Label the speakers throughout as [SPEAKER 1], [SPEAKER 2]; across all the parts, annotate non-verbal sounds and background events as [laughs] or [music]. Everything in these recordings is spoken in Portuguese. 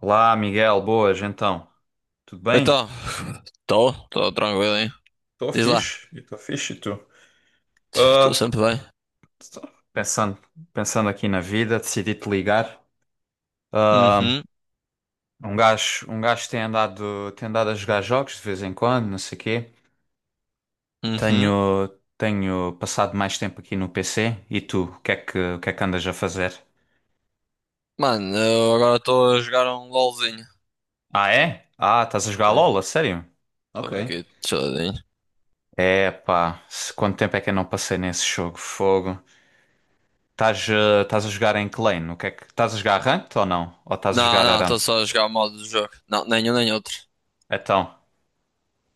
[SPEAKER 1] Olá, Miguel, boas, então. Tudo bem?
[SPEAKER 2] Então, estou tranquilo, hein?
[SPEAKER 1] Estou
[SPEAKER 2] Diz lá,
[SPEAKER 1] fixe, e estou fixe, e tu?
[SPEAKER 2] estou
[SPEAKER 1] Ah,
[SPEAKER 2] sempre bem.
[SPEAKER 1] tô pensando, pensando aqui na vida, decidi te ligar. Ah,
[SPEAKER 2] Uhum,
[SPEAKER 1] um gajo tem andado a jogar jogos de vez em quando, não sei o quê.
[SPEAKER 2] uhum.
[SPEAKER 1] Tenho, Tenho passado mais tempo aqui no PC. E tu, o que é que andas a fazer?
[SPEAKER 2] Mano, eu agora estou a jogar um LOLzinho.
[SPEAKER 1] Ah, é? Ah, estás a jogar
[SPEAKER 2] Sim.
[SPEAKER 1] LOL, a sério?
[SPEAKER 2] Estou
[SPEAKER 1] Ok.
[SPEAKER 2] aqui, chiladinho.
[SPEAKER 1] É, pá, quanto tempo é que eu não passei nesse jogo? Fogo. Estás a jogar em que lane? O que é que estás a jogar ranked ou não? Ou estás a
[SPEAKER 2] Não,
[SPEAKER 1] jogar
[SPEAKER 2] não,
[SPEAKER 1] Aram?
[SPEAKER 2] estou só a jogar o modo de jogo. Não, nenhum nem outro.
[SPEAKER 1] Então,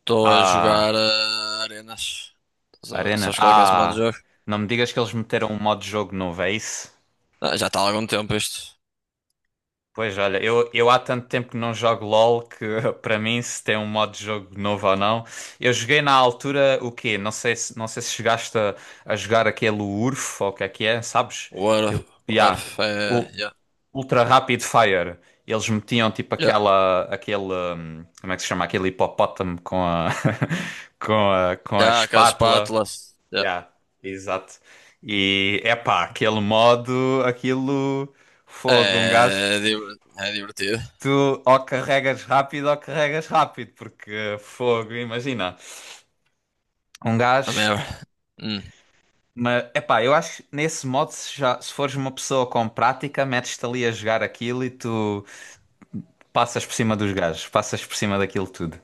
[SPEAKER 2] Estou a
[SPEAKER 1] ah,
[SPEAKER 2] jogar arenas. Estás a ver?
[SPEAKER 1] Arena,
[SPEAKER 2] Sabes qual é que é esse modo de
[SPEAKER 1] ah,
[SPEAKER 2] jogo?
[SPEAKER 1] não me digas que eles meteram um modo de jogo novo, é isso?
[SPEAKER 2] Ah, já está há algum tempo isto.
[SPEAKER 1] Pois olha, eu há tanto tempo que não jogo LOL que [laughs] para mim se tem um modo de jogo novo ou não. Eu joguei na altura o quê? Não sei se chegaste a jogar aquele URF ou o que é, sabes?
[SPEAKER 2] Warf.
[SPEAKER 1] Ya.
[SPEAKER 2] Warf, é.
[SPEAKER 1] O-
[SPEAKER 2] Yeah,
[SPEAKER 1] Ultra Rapid Fire. Eles metiam tipo
[SPEAKER 2] yeah,
[SPEAKER 1] aquela, aquele, como é que se chama? Aquele hipopótamo com a, [laughs] com a
[SPEAKER 2] yeah, com as
[SPEAKER 1] espátula.
[SPEAKER 2] espátulas. Yeah.
[SPEAKER 1] Yeah, exato. E epá, aquele modo, aquilo, fogo, um gajo.
[SPEAKER 2] É divertido.
[SPEAKER 1] Tu ou carregas rápido, porque fogo, imagina. Um
[SPEAKER 2] A
[SPEAKER 1] gajo,
[SPEAKER 2] merda.
[SPEAKER 1] ti-
[SPEAKER 2] Hum.
[SPEAKER 1] mas epá, eu acho que nesse modo, se, já, se fores uma pessoa com prática, metes-te ali a jogar aquilo e tu. Passas por cima dos gajos, passas por cima daquilo tudo.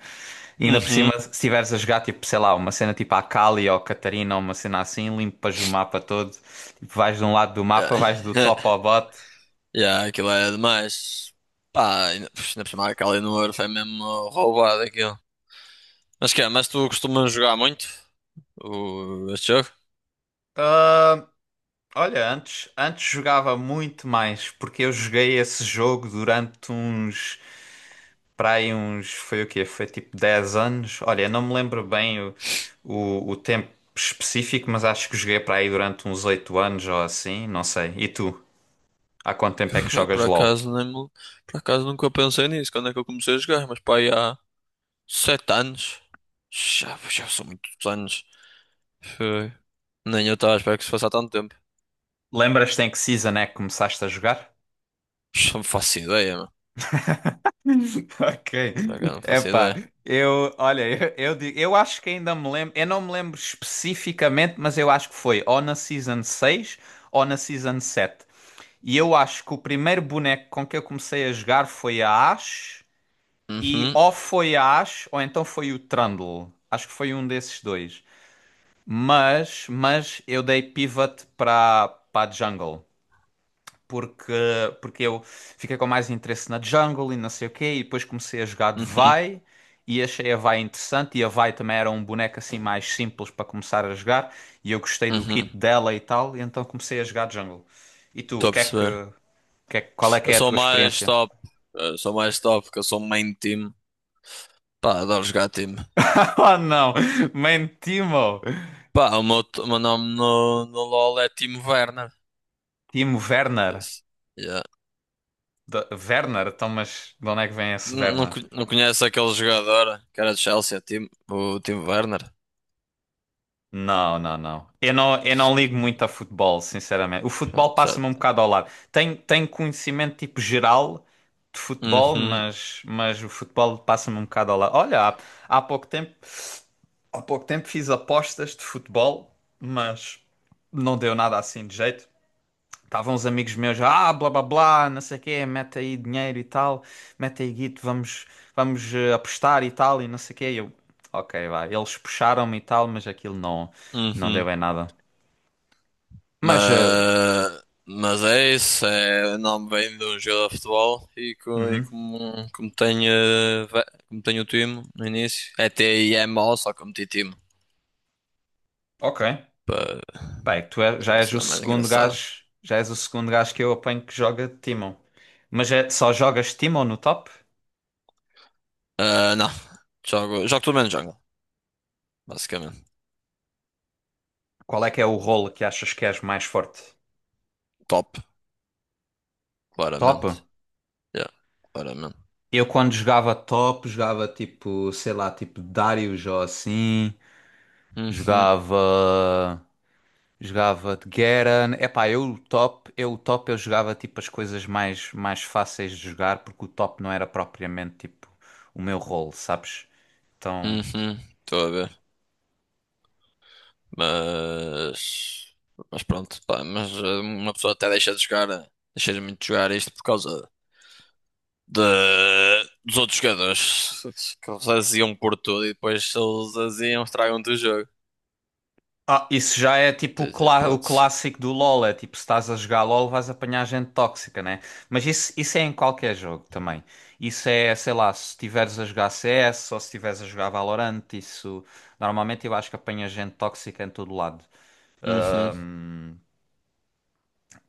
[SPEAKER 1] E ainda por
[SPEAKER 2] Uhum.
[SPEAKER 1] cima, se estiveres a jogar, tipo, sei lá, uma cena tipo a Kali ou Catarina ou uma cena assim, limpas o mapa todo. Tipo, vais de um lado do
[SPEAKER 2] Yeah.
[SPEAKER 1] mapa, vais do top ao
[SPEAKER 2] [laughs]
[SPEAKER 1] bot.
[SPEAKER 2] Yeah, aquilo é demais. Pá, ainda, pux, ainda por cima aquela Eleanor foi mesmo roubado aquilo. Mas tu costumas jogar muito este jogo?
[SPEAKER 1] Ah, olha, antes jogava muito mais, porque eu joguei esse jogo durante para aí uns, foi o quê? Foi tipo 10 anos. Olha, não me lembro bem o tempo específico, mas acho que joguei para aí durante uns 8 anos ou assim, não sei. E tu? Há quanto tempo é que
[SPEAKER 2] Pá, por
[SPEAKER 1] jogas LOL?
[SPEAKER 2] acaso, nem, me- por acaso nunca pensei nisso, quando é que eu comecei a jogar, mas pá, aí há 7 anos. Já, já são muitos anos. Foi. Nem eu estava a esperar que isso fosse há tanto tempo.
[SPEAKER 1] Lembras-te em que season é que começaste a jogar?
[SPEAKER 2] Pux, não faço ideia, mano.
[SPEAKER 1] [laughs] Ok.
[SPEAKER 2] Por acaso não faço
[SPEAKER 1] Epá,
[SPEAKER 2] ideia.
[SPEAKER 1] olha, eu acho que ainda me lembro, eu não me lembro especificamente, mas eu acho que foi ou na Season 6, ou na Season 7. E eu acho que o primeiro boneco com que eu comecei a jogar foi a Ashe, e
[SPEAKER 2] Uhum,
[SPEAKER 1] ou foi a Ashe ou então foi o Trundle. Acho que foi um desses dois. Mas eu dei pivot para a Jungle. porque, porque eu fiquei com mais interesse na jungle e não sei o quê, e depois comecei a jogar de
[SPEAKER 2] uhum,
[SPEAKER 1] Vi e achei a Vi interessante, e a Vi também era um boneco assim mais simples para começar a jogar, e eu gostei do
[SPEAKER 2] uhum.
[SPEAKER 1] kit dela e tal, e então comecei a jogar de jungle. E tu, o
[SPEAKER 2] Estou a
[SPEAKER 1] que é que,
[SPEAKER 2] perceber.
[SPEAKER 1] o que é que- qual é que
[SPEAKER 2] Eu
[SPEAKER 1] é a
[SPEAKER 2] sou
[SPEAKER 1] tua
[SPEAKER 2] mais
[SPEAKER 1] experiência?
[SPEAKER 2] top. Eu sou mais top, porque eu sou main team. Pá, adoro jogar time.
[SPEAKER 1] [laughs] Oh não, man,
[SPEAKER 2] Pá, o meu nome no LoL é Timo Werner.
[SPEAKER 1] Timo Werner.
[SPEAKER 2] Por isso, yeah.
[SPEAKER 1] Werner, então mas de onde é que vem esse
[SPEAKER 2] Não, não,
[SPEAKER 1] Werner?
[SPEAKER 2] não conheço aquele jogador que era de Chelsea, Timo, o Timo Werner.
[SPEAKER 1] Não, não, não. Eu não ligo muito a futebol, sinceramente. O
[SPEAKER 2] Pronto,
[SPEAKER 1] futebol
[SPEAKER 2] já.
[SPEAKER 1] passa-me um bocado ao lado. Tenho conhecimento tipo geral de futebol,
[SPEAKER 2] Uhum,
[SPEAKER 1] mas o futebol passa-me um bocado ao lado. Olha, há pouco tempo, há pouco tempo fiz apostas de futebol, mas não deu nada assim de jeito. Estavam uns amigos meus, ah, blá blá blá, não sei o quê, mete aí dinheiro e tal, mete aí guito, apostar e tal, e não sei o quê. E eu, ok, vai. Eles puxaram-me e tal, mas aquilo não
[SPEAKER 2] uhum.
[SPEAKER 1] deu em nada. Mas, eh,
[SPEAKER 2] Mas é isso, é, o nome vem de um jogador de futebol e, e
[SPEAKER 1] uhum,
[SPEAKER 2] como, como tenho, como tenho o time no início, é TIMO, só que eu meti time
[SPEAKER 1] ok.
[SPEAKER 2] para
[SPEAKER 1] Bem, já
[SPEAKER 2] uma
[SPEAKER 1] és o
[SPEAKER 2] cena mais
[SPEAKER 1] segundo
[SPEAKER 2] engraçada.
[SPEAKER 1] gajo, que eu apanho que joga Timon. Mas é, só jogas Timon no top?
[SPEAKER 2] Ah, não, jogo, jogo tudo menos jungle, basicamente.
[SPEAKER 1] Qual é que é o rolo que achas que és mais forte?
[SPEAKER 2] Top,
[SPEAKER 1] Top?
[SPEAKER 2] claramente. Yeah, claramente.
[SPEAKER 1] Eu quando jogava top, jogava tipo, sei lá, tipo Darius ou assim.
[SPEAKER 2] Uhum,
[SPEAKER 1] Jogava. Jogava de Garen. Epá, eu o top eu jogava tipo as coisas mais fáceis de jogar porque o top não era propriamente tipo o meu rol, sabes? Então.
[SPEAKER 2] uhum. Estou a ver. Mas. Mas pronto, pá, mas uma pessoa até deixa de jogar. Deixa de muito jogar isto por causa de- dos outros jogadores. Que eles aziam por tudo e depois se eles aziam, estragam-te o jogo.
[SPEAKER 1] Ah, isso já é tipo
[SPEAKER 2] Tens
[SPEAKER 1] o
[SPEAKER 2] hipótese.
[SPEAKER 1] clássico do LoL, é tipo se estás a jogar LoL vais apanhar gente tóxica, né? Mas isso é em qualquer jogo também. Isso é, sei lá, se estiveres a jogar CS ou se estiveres a jogar Valorant, isso normalmente eu acho que apanha gente tóxica em todo lado.
[SPEAKER 2] Uhum,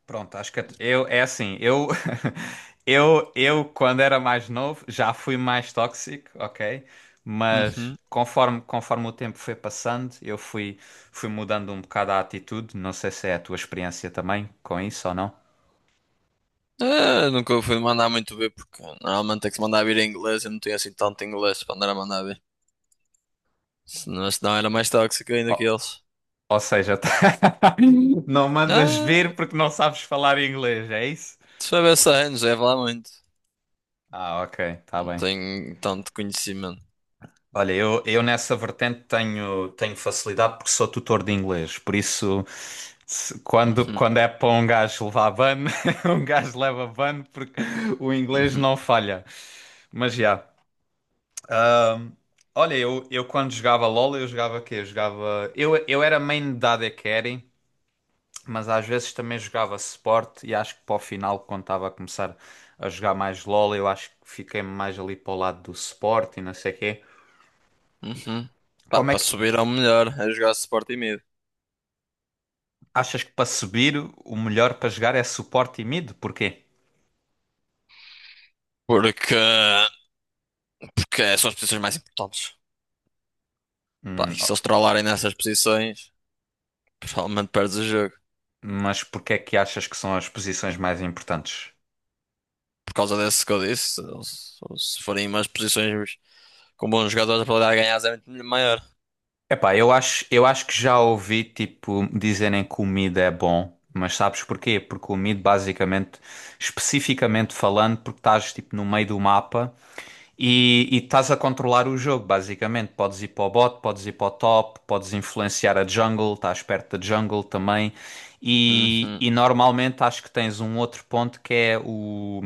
[SPEAKER 1] Pronto, acho que é assim, eu [laughs] eu quando era mais novo já fui mais tóxico, ok? Mas
[SPEAKER 2] uhum.
[SPEAKER 1] conforme o tempo foi passando, eu fui mudando um bocado a atitude, não sei se é a tua experiência também com isso ou não.
[SPEAKER 2] Ah, nunca fui mandar muito ver porque normalmente tem que se mandar vir em inglês. Eu não tenho assim tanto inglês para andar a mandar ver. Senão, senão era mais tóxico ainda que
[SPEAKER 1] Ou,
[SPEAKER 2] eles.
[SPEAKER 1] ou seja, [laughs] não mandas
[SPEAKER 2] Ah,
[SPEAKER 1] vir porque não sabes falar inglês, é isso?
[SPEAKER 2] se for essa aí, não serve lá muito.
[SPEAKER 1] Ah, ok, tá
[SPEAKER 2] Não
[SPEAKER 1] bem.
[SPEAKER 2] tenho tanto conhecimento.
[SPEAKER 1] Olha, eu nessa vertente tenho facilidade porque sou tutor de inglês, por isso
[SPEAKER 2] Uhum,
[SPEAKER 1] quando é para um gajo levar ban, [laughs] um gajo leva ban porque o inglês
[SPEAKER 2] uhum,
[SPEAKER 1] não falha. Mas já. Olha, eu quando jogava LOL, eu jogava quê? Eu jogava. Eu era main da AD Carry, mas às vezes também jogava suporte e acho que para o final, quando estava a começar a jogar mais LOL, eu acho que fiquei mais ali para o lado do suporte e não sei o quê.
[SPEAKER 2] uhum. Pá,
[SPEAKER 1] Como é
[SPEAKER 2] para
[SPEAKER 1] que,
[SPEAKER 2] subir ao melhor é jogar Sporting Mid.
[SPEAKER 1] Achas que para subir o melhor para jogar é suporte e mid? Porquê?
[SPEAKER 2] Porque, porque são as posições mais importantes. Pá, e se
[SPEAKER 1] Ó,
[SPEAKER 2] eles trollarem nessas posições, provavelmente perdes o jogo.
[SPEAKER 1] mas porquê é que achas que são as posições mais importantes?
[SPEAKER 2] Por causa desse que eu disse, se forem umas posições com bons jogadores, a probabilidade de ganhar é muito maior.
[SPEAKER 1] Epá, eu acho que já ouvi tipo dizerem que o mid é bom, mas sabes porquê? Porque o mid basicamente, especificamente falando, porque estás tipo no meio do mapa e estás a controlar o jogo, basicamente. Podes ir para o bot, podes ir para o top, podes influenciar a jungle, estás perto da jungle também. E,
[SPEAKER 2] Uhum.
[SPEAKER 1] e normalmente acho que tens um outro ponto que é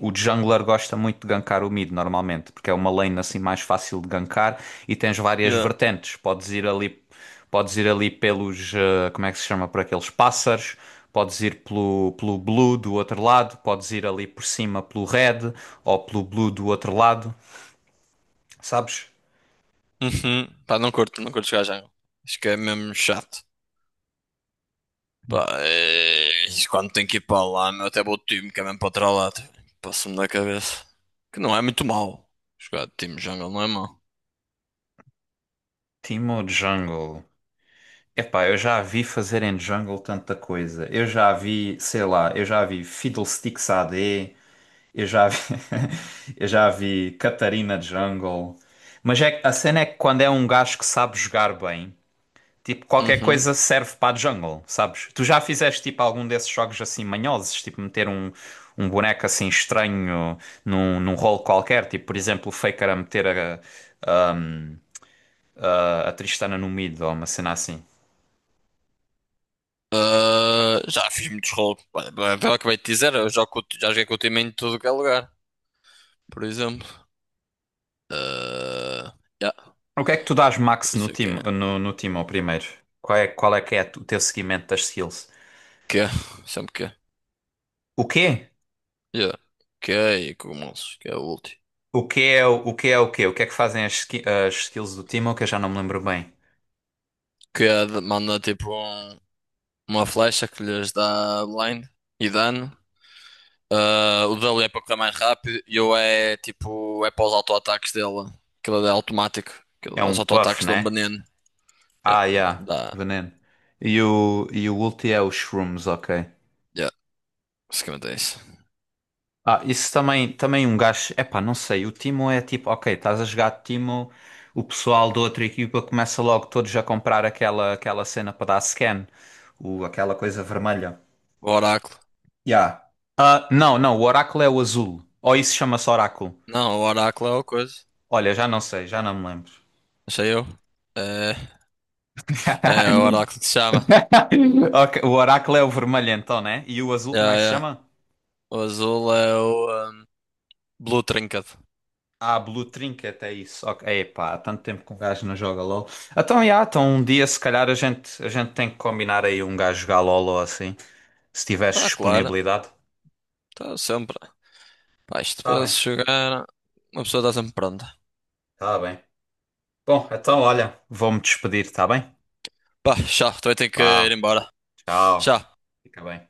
[SPEAKER 1] o jungler gosta muito de gankar o mid normalmente, porque é uma lane assim mais fácil de gankar e tens várias
[SPEAKER 2] Yeah.
[SPEAKER 1] vertentes. Podes ir ali pelos, como é que se chama, por aqueles pássaros, podes ir pelo blue do outro lado, podes ir ali por cima pelo red ou pelo blue do outro lado, sabes?
[SPEAKER 2] Uhum. Pá, não curto jogar jungle. Acho que é mesmo chato. Pá, é... isso quando tenho que ir para lá, meu, até vou de time, que é mesmo para tralado. Passa-me da cabeça. Que não é muito mau. Jogar de time jungle não é mau.
[SPEAKER 1] Timo Jungle. Epá, eu já a vi fazerem jungle tanta coisa. Eu já a vi, sei lá, eu já a vi Fiddlesticks AD. Eu já vi, [laughs] eu já vi Catarina Jungle. A cena é que quando é um gajo que sabe jogar bem, tipo, qualquer
[SPEAKER 2] Uhum.
[SPEAKER 1] coisa serve para a jungle, sabes? Tu já fizeste tipo algum desses jogos assim manhosos, tipo meter um boneco assim estranho num rolo qualquer, tipo, por exemplo, o Faker a meter a, a Tristana no mid ou uma cena assim.
[SPEAKER 2] Ah, já fiz muitos rolos. Olha, é pelo que eu acabei de dizer, eu jogo, já joguei com o time em tudo que é lugar. Por exemplo. Ah, yeah,
[SPEAKER 1] O que é que tu dás
[SPEAKER 2] por
[SPEAKER 1] max no
[SPEAKER 2] isso é que
[SPEAKER 1] time,
[SPEAKER 2] é.
[SPEAKER 1] no time ao primeiro? Qual é que é o teu seguimento das skills?
[SPEAKER 2] Que é, sempre que é.
[SPEAKER 1] O quê?
[SPEAKER 2] Yeah. Que é e cogumelos, que é o último.
[SPEAKER 1] O que é o quê? O que é que fazem as skills do Timo que eu já não me lembro bem.
[SPEAKER 2] Que é, uma flecha que lhes dá blind e dano. Ah, o dele é para correr mais rápido e eu é tipo, é para os auto-ataques dele. Aquilo é automático.
[SPEAKER 1] É
[SPEAKER 2] Aquilo,
[SPEAKER 1] um
[SPEAKER 2] os
[SPEAKER 1] buff,
[SPEAKER 2] auto-ataques dão
[SPEAKER 1] né?
[SPEAKER 2] banano. Yeah,
[SPEAKER 1] Ah, yeah,
[SPEAKER 2] dá,
[SPEAKER 1] veneno. E o ulti é os shrooms, ok.
[SPEAKER 2] yeah, basicamente é isso.
[SPEAKER 1] Ah, isso também um gajo. Epá, não sei. O Timo é tipo, ok, estás a jogar Timo, o pessoal da outra equipa começa logo todos a comprar aquela cena para dar scan, aquela coisa vermelha.
[SPEAKER 2] O oráculo.
[SPEAKER 1] Yeah. Ah, não, não, o oráculo é o azul. Ou isso chama-se oráculo.
[SPEAKER 2] Não, o oráculo é o coisa.
[SPEAKER 1] Olha, já não sei, já não me lembro.
[SPEAKER 2] Achei eu. É, é é o
[SPEAKER 1] [laughs]
[SPEAKER 2] oráculo que se chama.
[SPEAKER 1] [laughs] Ok, o oráculo é o vermelho então, né? E o azul como
[SPEAKER 2] Yeah,
[SPEAKER 1] é que se
[SPEAKER 2] yeah.
[SPEAKER 1] chama?
[SPEAKER 2] O azul é o um, Blue Trinket.
[SPEAKER 1] Ah, Blue Trinket, é isso. Ok. Epá, há tanto tempo que um gajo não joga LOL. Então, um dia se calhar a gente tem que combinar aí um gajo jogar LOL ou assim, se tiveres
[SPEAKER 2] Pá, claro.
[SPEAKER 1] disponibilidade.
[SPEAKER 2] Está sempre. Pá, isto
[SPEAKER 1] Tá
[SPEAKER 2] para
[SPEAKER 1] bem,
[SPEAKER 2] se jogar, uma pessoa está sempre pronta.
[SPEAKER 1] tá bem. Bom, então olha, vou-me despedir, tá bem?
[SPEAKER 2] Pá, já, também tenho que ir
[SPEAKER 1] Vá,
[SPEAKER 2] embora.
[SPEAKER 1] tchau.
[SPEAKER 2] Já.
[SPEAKER 1] Fica bem.